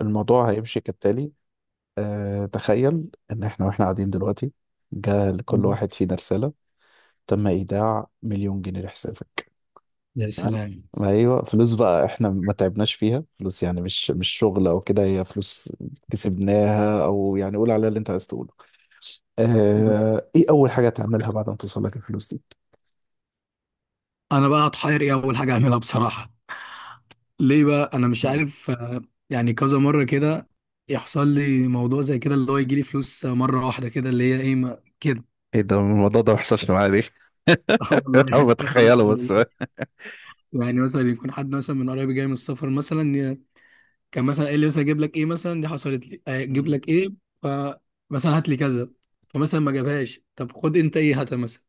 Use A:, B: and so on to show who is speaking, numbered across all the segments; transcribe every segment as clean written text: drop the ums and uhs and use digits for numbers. A: الموضوع هيمشي كالتالي. تخيل ان احنا واحنا قاعدين دلوقتي، جاء لكل
B: مم.
A: واحد فينا رسالة: تم ايداع مليون جنيه لحسابك.
B: يا
A: تمام.
B: سلام.
A: ما ايوه، فلوس بقى، احنا ما تعبناش فيها، فلوس يعني مش شغل او كده، هي فلوس كسبناها، او يعني قول عليها اللي انت عايز تقوله.
B: مم.
A: ايه اول حاجة تعملها بعد ما توصل لك الفلوس دي؟
B: انا بقى هتحير ايه اول حاجه اعملها بصراحه، ليه بقى انا مش
A: مم.
B: عارف. يعني كذا مره كده يحصل لي موضوع زي كده اللي هو يجي لي فلوس مره واحده كده اللي هي ايه ما كده.
A: ايه ده، الموضوع ده ما حصلش معايا ليه؟
B: اه والله
A: انا
B: يعني كذا
A: بتخيله
B: مره
A: بس.
B: والله. يعني مثلا يكون حد مثلا من قرايبي جاي من السفر مثلا كان مثلا قال لي مثلا اجيب لك ايه مثلا دي حصلت لي اجيب
A: مم.
B: لك ايه، فمثلا هات لي كذا فمثلا ما جابهاش. طب خد انت ايه، هات مثلا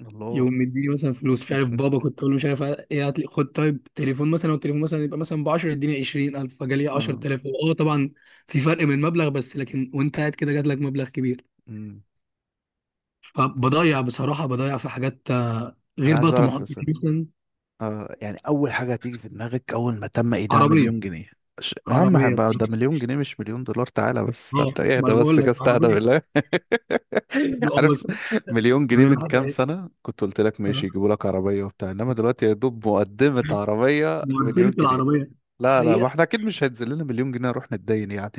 A: الله.
B: يقوم مديني مثلا فلوس، مش عارف بابا كنت اقول له مش عارف ايه هات لي، خد طيب تليفون مثلا، والتليفون مثلا يبقى مثلا ب 10 اديني 20,000 فجالي
A: آه،
B: 10,000 اه طبعا في فرق من المبلغ بس، لكن وانت قاعد كده جات لك مبلغ كبير
A: مم.
B: فبضيع بصراحه، بضيع في حاجات
A: انا
B: غير
A: عايز
B: بقى
A: اعرف
B: طموحاتي
A: بس.
B: مثلا.
A: يعني أول حاجة هتيجي في دماغك أول ما تم إيداع مليون
B: عربيه.
A: جنيه؟ يا عم
B: عربيه
A: هبقى، ده
B: بصراحة.
A: مليون جنيه مش مليون دولار. تعالى بس
B: اه
A: استنى،
B: ما
A: اهدى
B: انا
A: بس
B: بقول
A: كده،
B: لك
A: استهدى
B: عربيه،
A: بالله.
B: اه
A: عارف،
B: بس.
A: مليون
B: ما
A: جنيه من
B: الواحد
A: كام
B: عايز-
A: سنة كنت قلت لك
B: اه
A: ماشي يجيبوا لك عربية وبتاع، إنما دلوقتي يا دوب مقدمة عربية
B: ده
A: مليون
B: قدمت
A: جنيه.
B: العربيه
A: لا لا، ما
B: حقيقه.
A: احنا أكيد مش هينزل لنا مليون جنيه نروح نتدين يعني.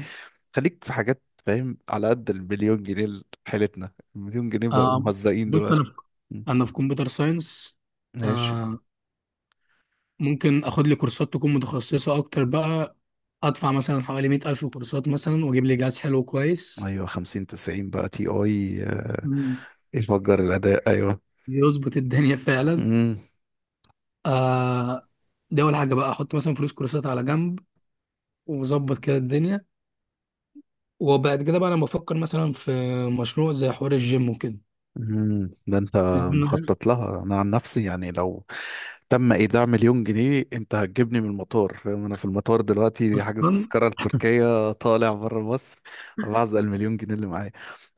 A: خليك في حاجات، فاهم؟ على قد المليون جنيه حيلتنا، المليون جنيه بقوا
B: آه
A: مهزقين
B: بص انا
A: دلوقتي.
B: في،
A: م.
B: كمبيوتر ساينس.
A: ماشي.
B: آه، ممكن اخد لي كورسات تكون متخصصة اكتر بقى، ادفع مثلا حوالي 100,000 كورسات مثلا، واجيب لي جهاز حلو كويس.
A: ايوه 50 90 بقى تي اي،
B: مم.
A: يفجر الاداء. ايوه.
B: يظبط الدنيا فعلا.
A: امم.
B: آه، دي اول حاجه بقى، احط مثلا فلوس كورسات على جنب، واظبط كده الدنيا. وبعد كده بقى انا بفكر مثلا في مشروع زي حوار الجيم وكده.
A: أمم. ده انت
B: أنا
A: مخطط لها. انا عن نفسي يعني، لو تم ايداع مليون جنيه، انت هتجيبني من المطار، فاهم؟ انا في المطار دلوقتي حاجز
B: اصلا
A: تذكره لتركيا، طالع بره مصر بعزق المليون جنيه اللي معايا.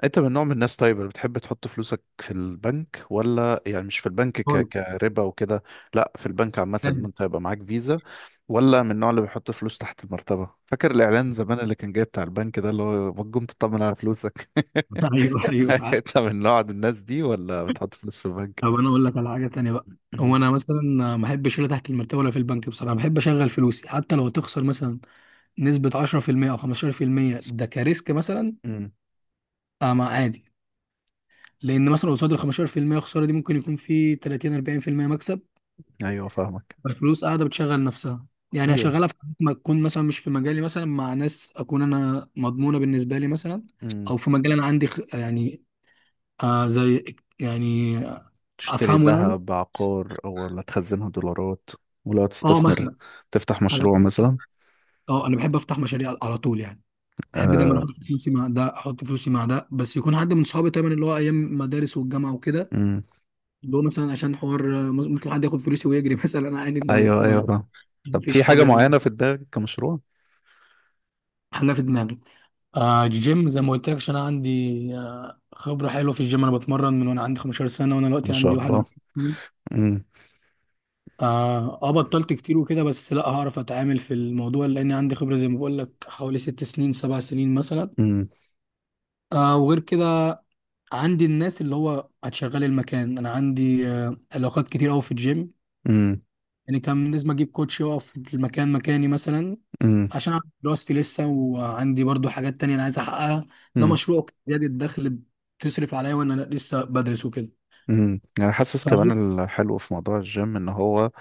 A: انت من نوع من الناس طيب اللي بتحب تحط فلوسك في البنك، ولا يعني مش في البنك،
B: خالص.
A: كربا وكده؟ لا في البنك عامه، ان
B: تاني.
A: انت يبقى معاك فيزا. ولا من النوع اللي بيحط فلوس تحت المرتبه؟ فاكر الاعلان زمان اللي كان جاي بتاع البنك ده، اللي هو ما تقوم تطمن على فلوسك.
B: ايوه ايوه فعلا.
A: انت من نوع الناس دي ولا بتحط فلوس في البنك؟
B: طب انا اقول لك على حاجه تانية بقى، هو انا مثلا ما احبش ولا تحت المرتبه ولا في البنك بصراحه، بحب اشغل فلوسي حتى لو تخسر مثلا نسبة 10% أو 15%، ده كريسك مثلا.
A: امم.
B: آه ما عادي، لأن مثلا قصاد ال 15% خسارة دي ممكن يكون في 30 40% مكسب،
A: ايوه فاهمك.
B: فالفلوس قاعدة بتشغل نفسها. يعني
A: ايوه.
B: هشغلها في حاجات ما تكون مثلا مش في مجالي، مثلا مع ناس أكون أنا مضمونة بالنسبة لي مثلا،
A: امم.
B: أو في مجال أنا عندي يعني، زي يعني
A: تشتري
B: أفهمه يعني.
A: ذهب، عقار، او ولا تخزنها دولارات؟ ولو
B: أه
A: تستثمر،
B: مثلا
A: تفتح
B: حاجات-
A: مشروع مثلا؟
B: أه أنا بحب أفتح مشاريع على طول يعني. احب دايما
A: آه.
B: احط فلوسي مع ده، احط فلوسي مع ده، بس يكون حد من صحابي دايما، اللي هو ايام مدارس والجامعه وكده،
A: امم.
B: اللي هو مثلا عشان حوار. ممكن حد ياخد فلوسي ويجري مثلا انا عادي، ده ما
A: ايوه ايوه فاهم.
B: ما
A: طب
B: فيش
A: في حاجة
B: حاجه.
A: معينة في دماغك كمشروع؟
B: حلا في دماغي، جيم زي ما قلت لك، عشان انا عندي خبره حلوه في الجيم، انا بتمرن من وانا عندي 15 سنه، وانا دلوقتي
A: ما شاء
B: عندي
A: الله.
B: 21 سنه.
A: امم.
B: بطلت كتير وكده بس، لا هعرف اتعامل في الموضوع لان عندي خبره زي ما بقول لك حوالي 6 سنين 7 سنين مثلا.
A: امم.
B: آه، وغير كده عندي الناس اللي هو هتشغل المكان، انا عندي علاقات كتير قوي في الجيم.
A: امم.
B: يعني كان لازم اجيب كوتش يقف في المكان مكاني مثلا
A: امم.
B: عشان أعمل دراستي لسه، وعندي برضو حاجات تانية انا عايز احققها. ده
A: امم.
B: مشروع زيادة الدخل بتصرف عليا وانا لسه بدرس وكده.
A: امم. يعني حاسس
B: فاهم؟
A: كمان الحلو في موضوع الجيم ان هو،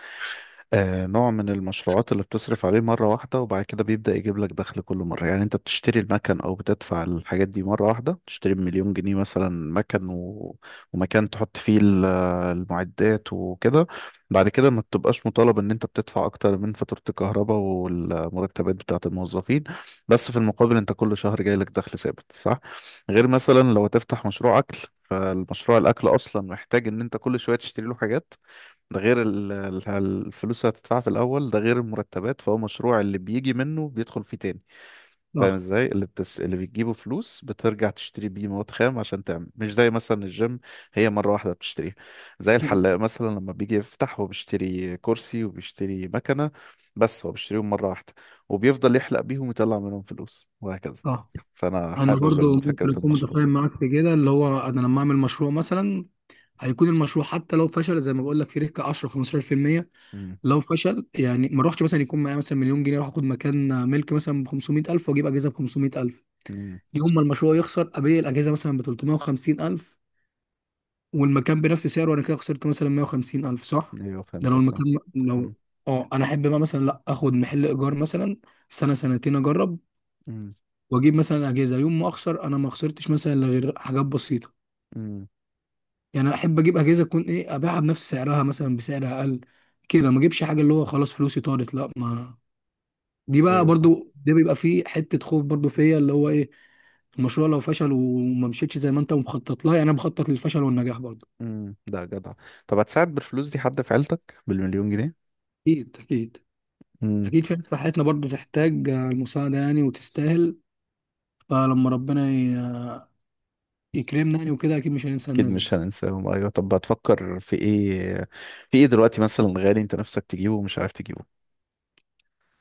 A: نوع من المشروعات اللي بتصرف عليه مرة واحدة وبعد كده بيبدأ يجيب لك دخل كل مرة. يعني انت بتشتري المكن او بتدفع الحاجات دي مرة واحدة، بتشتري بمليون جنيه مثلا مكن ومكان تحط فيه المعدات وكده. بعد كده ما بتبقاش مطالب ان انت بتدفع اكتر من فاتورة الكهرباء والمرتبات بتاعة الموظفين، بس في المقابل انت كل شهر جاي لك دخل ثابت، صح؟ غير مثلا لو تفتح مشروع اكل، فالمشروع الاكل اصلا محتاج ان انت كل شوية تشتري له حاجات. ده غير الفلوس اللي هتدفعها في الاول، ده غير المرتبات. فهو مشروع اللي بيجي منه بيدخل فيه تاني. فاهم
B: اه،
A: ازاي اللي اللي بتجيبه فلوس بترجع تشتري بيه مواد خام عشان تعمل، مش زي مثلا الجيم، هي مره واحده بتشتريها. زي الحلاق مثلا لما بيجي يفتح هو بيشتري كرسي وبيشتري مكنه، بس هو بيشتريهم مره واحده وبيفضل يحلق بيهم ويطلع منهم فلوس، وهكذا.
B: اه،
A: فانا
B: انا
A: حابب
B: برضو
A: فكره
B: ممكن اكون
A: المشروع.
B: متفاهم معاك في كده، اللي هو انا لما اعمل مشروع مثلا، هيكون المشروع حتى لو فشل زي ما بقول لك في ريسك 10 15%،
A: امم.
B: لو فشل يعني ما اروحش. مثلا يكون معايا مثلا مليون جنيه اروح اخد مكان ملك مثلا ب 500,000 واجيب اجهزه ب 500,000،
A: امم.
B: يوم ما المشروع يخسر ابيع الاجهزه مثلا ب 350 الف، والمكان بنفس سعره، انا كده خسرت مثلا 150 الف صح.
A: ايوه
B: ده لو
A: فهمتك. صح.
B: المكان،
A: امم.
B: لو اه انا احب بقى مثلا لا، اخد محل ايجار مثلا سنه سنتين اجرب،
A: امم.
B: واجيب مثلا اجهزه يوم ما اخسر انا ما خسرتش مثلا إلا غير حاجات بسيطه.
A: امم.
B: يعني أنا احب اجيب اجهزه تكون ايه، ابيعها بنفس سعرها مثلا بسعر اقل، كده ما اجيبش حاجه اللي هو خلاص فلوسي طارت. لا ما دي بقى
A: ايوه.
B: برضو، ده بيبقى فيه حته خوف برضو فيا، اللي هو ايه، المشروع لو فشل وما مشيتش زي ما انت مخطط لها، يعني انا بخطط للفشل والنجاح برضه.
A: امم. ده جدع. طب هتساعد بالفلوس دي حد في عيلتك بالمليون جنيه؟
B: اكيد اكيد
A: امم.
B: اكيد في ناس في حياتنا برضه تحتاج المساعده يعني وتستاهل، فلما ربنا ي- يكرمنا يعني وكده، اكيد مش هننسى
A: اكيد
B: الناس دي.
A: مش هننساهم، ايوه. طب هتفكر في ايه؟ في ايه دلوقتي مثلا غالي انت نفسك تجيبه ومش عارف تجيبه؟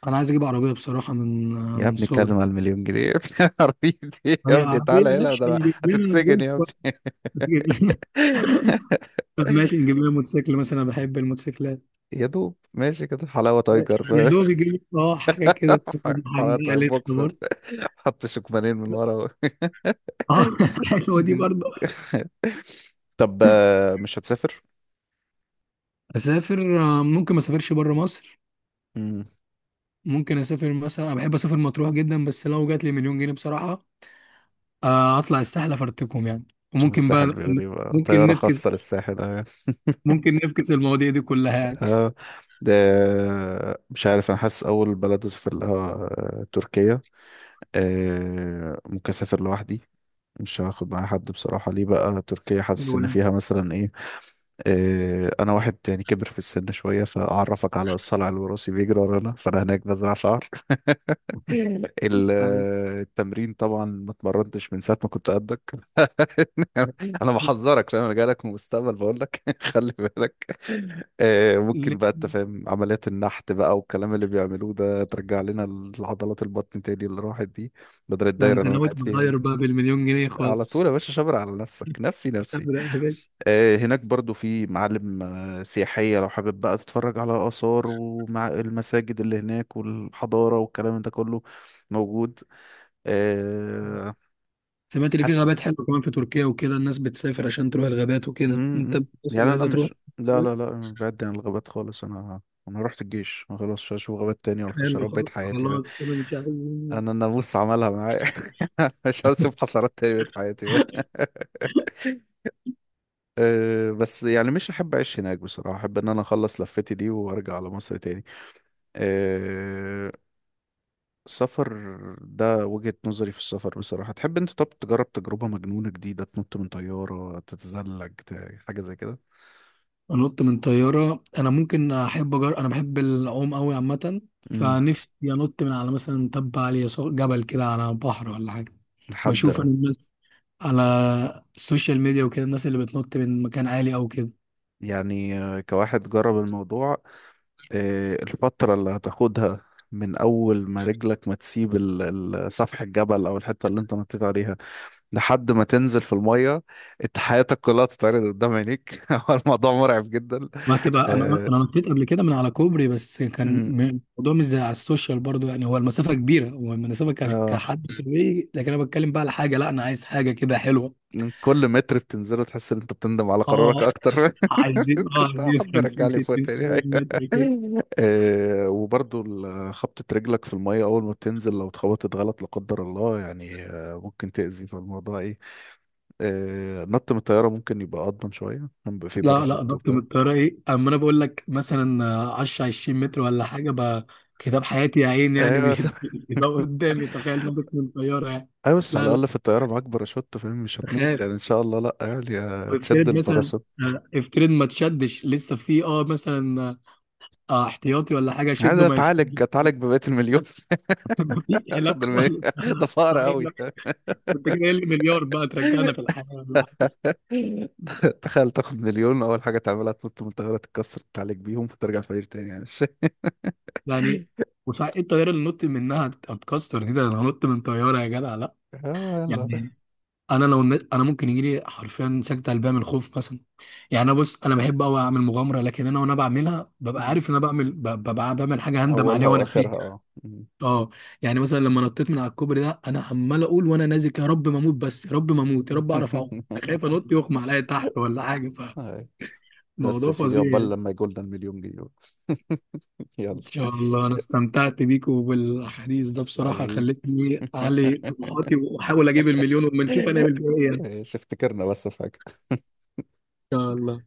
B: انا عايز اجيب عربيه بصراحه، من آه،
A: يا
B: من
A: ابني اتكلم
B: صغري.
A: على المليون جنيه يا ابني، عارفين إيه؟ يا
B: هي
A: ابني
B: عربيه
A: تعالى هنا،
B: ماشي،
A: ده أنا
B: نجيب لنا
A: هتتسجن
B: الجولف،
A: يا
B: ولا
A: ابني.
B: نجيب لنا طب ماشي، نجيب لنا موتوسيكل مثلا، أنا بحب الموتوسيكلات.
A: يا دوب ماشي كده حلاوة تايجر،
B: يا
A: فاهم؟
B: دوب يجيب لنا اه حاجه كده،
A: حلاوة
B: هنجيبها
A: تايجر
B: لسه
A: بوكسر،
B: برضه
A: حط شكمانين من ورا.
B: اه. حلوه دي
A: مم.
B: برضه.
A: طب مش هتسافر؟
B: اسافر، ممكن ما اسافرش بره مصر.
A: مم.
B: ممكن اسافر مثلا، انا بحب اسافر مطروح جدا، بس لو جات لي مليون جنيه بصراحه، اطلع الساحل افرتكم يعني،
A: شوف
B: وممكن
A: الساحل
B: بقى
A: بيقول ايه بقى،
B: ممكن
A: طيارة
B: نفكس،
A: خاصة للساحل.
B: المواضيع دي كلها يعني.
A: آه. ده مش عارف، انا حاسس اول بلد اسافر لها تركيا. آه ممكن اسافر لوحدي، مش هاخد معايا حد بصراحة. ليه بقى تركيا؟ حاسس ان
B: الولاد.
A: فيها مثلا ايه؟ انا واحد يعني كبر في السن شوية، فاعرفك على الصلع الوراثي بيجري ورانا، فانا هناك بزرع شعر. ال- التمرين طبعا ما اتمرنتش من ساعة ما كنت قدك. انا بحذرك، لان انا جاي لك من المستقبل بقول لك خلي بالك. ممكن
B: ليه؟
A: بقى انت فاهم عمليات النحت بقى والكلام اللي بيعملوه ده، ترجع لنا العضلات، البطن تاني اللي راحت دي، بدل
B: ده
A: الدايرة
B: انت
A: اللي انا
B: ناوي
A: قاعد فيها
B: تغير
A: دي.
B: بقى بالمليون جنيه
A: على طول
B: خالص.
A: يا باشا، شبر على نفسك، نفسي نفسي.
B: ابدا يا باشا.
A: هناك برضو في معالم سياحية، لو حابب بقى تتفرج على آثار، ومع المساجد اللي هناك والحضارة والكلام ده كله موجود. أه
B: سمعت ان في
A: حس...
B: غابات حلوه كمان في تركيا وكده، الناس بتسافر عشان تروح الغابات
A: م-
B: وكده، انت
A: م.
B: بس اللي
A: يعني انا
B: عايزه تروح.
A: مش، لا لا لا أنا بعد عن الغابات خالص. انا رحت الجيش، ما خلاص مش هشوف غابات تاني ولا
B: حلو
A: حشرات بقيت
B: خلاص
A: حياتي بقى.
B: خلاص انا مش عايز.
A: انا الناموس عملها معايا. مش هشوف حشرات تاني بقيت حياتي بقى. بس يعني مش احب اعيش هناك بصراحة، احب ان انا اخلص لفتي دي وارجع على مصر تاني. أه السفر، ده وجهة نظري في السفر بصراحة. تحب انت طب تجرب تجربة مجنونة جديدة، تنط من طيارة، تتزلج، حاجة زي كده؟
B: انط من طياره، انا ممكن احب انا بحب العوم قوي عامه،
A: امم.
B: فنفسي انط من على مثلا تبة عاليه، سواء جبل كده على بحر ولا حاجه.
A: لحد،
B: بشوف انا الناس على السوشيال ميديا وكده، الناس اللي بتنط من مكان عالي او كده.
A: يعني كواحد جرب الموضوع، الفترة اللي هتاخدها من أول ما رجلك ما تسيب سفح الجبل أو الحتة اللي أنت نطيت عليها لحد ما تنزل في المية، أنت حياتك كلها تتعرض قدام عينيك. هو الموضوع مرعب جدا.
B: وهتبقى انا
A: آه،
B: انا نطيت قبل كده من على كوبري، بس كان الموضوع مش زي على السوشيال برضو يعني، هو المسافه كبيره، هو المسافه
A: آه،
B: كحد طبيعي، لكن انا بتكلم بقى على حاجه، لا انا عايز حاجه كده حلوه.
A: كل متر بتنزله تحس ان انت بتندم على
B: اه
A: قرارك اكتر.
B: عايزين اه
A: كنت
B: عايزين
A: حد
B: 50
A: يرجع لي فوق
B: 60
A: تاني،
B: 70
A: أيوة.
B: متر كده.
A: وبرضو خبطة رجلك في المية أول ما بتنزل، لو اتخبطت غلط لا قدر الله يعني ممكن تأذي في الموضوع إيه. نط من الطيارة ممكن يبقى أضمن شوية، كان بيبقى فيه
B: لا لا،
A: باراشوت
B: ضغط من
A: وبتاع.
B: الطيارة ايه، اما انا بقول لك مثلا 10 20 متر ولا حاجة بقى، كتاب حياتي يا عين يعني
A: أيوة بس
B: بيبقى قدامي، تخيل ضغط من الطيارة يعني.
A: أيوة، بس على
B: لا لا،
A: الأقل في الطيارة معاك باراشوت، فاهم؟ مش هتموت
B: تخيل،
A: يعني إن شاء الله لأ يعني، تشد
B: افترض مثلا،
A: الباراشوت.
B: افترض ما تشدش، لسه في مثلا اه احتياطي ولا حاجة، شده
A: عادي
B: ما يشدش.
A: أتعالج أتعالج ببقية المليون.
B: مفيش
A: أخد
B: علاقة
A: المليون
B: خالص.
A: ده
B: لا،
A: فقر
B: صحيح
A: أوي.
B: لا. انت كده قايل لي مليار بقى ترجعنا في الحياة ولا حاجة
A: تخيل تاخد مليون، اول حاجه تعملها تنط من الطياره تتكسر تعالج بيهم فترجع فقير تاني يعني مش.
B: يعني. وصحيح ايه الطيارة اللي نط منها هتتكسر دي، ده انا نط من طيارة يا جدع لا
A: اه يلا.
B: يعني. انا لو النت انا ممكن يجي لي حرفيا سكتة قلبيه من الخوف مثلا يعني. انا بص انا بحب قوي اعمل مغامره، لكن انا وانا بعملها ببقى
A: مم.
B: عارف ان انا بعمل ببقى بعمل حاجه هندم
A: اولها
B: عليها وانا فيه.
A: واخرها اه. مم.
B: اه. يعني مثلا لما نطيت من على الكوبري ده، انا عمال اقول وانا نازل يا رب ما اموت بس، يا رب ما اموت، يا رب اعرف اعوم. انا خايف انط يغمى عليا تحت ولا حاجه،
A: هاي. بس
B: فالموضوع
A: يا سيدي،
B: فظيع
A: عقبال
B: يعني.
A: لما يجولنا المليون جنيه بقى. يلا
B: ان شاء الله، انا استمتعت بيك وبالحديث ده بصراحه،
A: حبيبي.
B: خلتني اعلي طموحاتي واحاول اجيب المليون، وما نشوف
A: إيه،
B: هنعمل فيها ايه يعني.
A: شفت كرنا بس في حاجه.
B: ان شاء الله.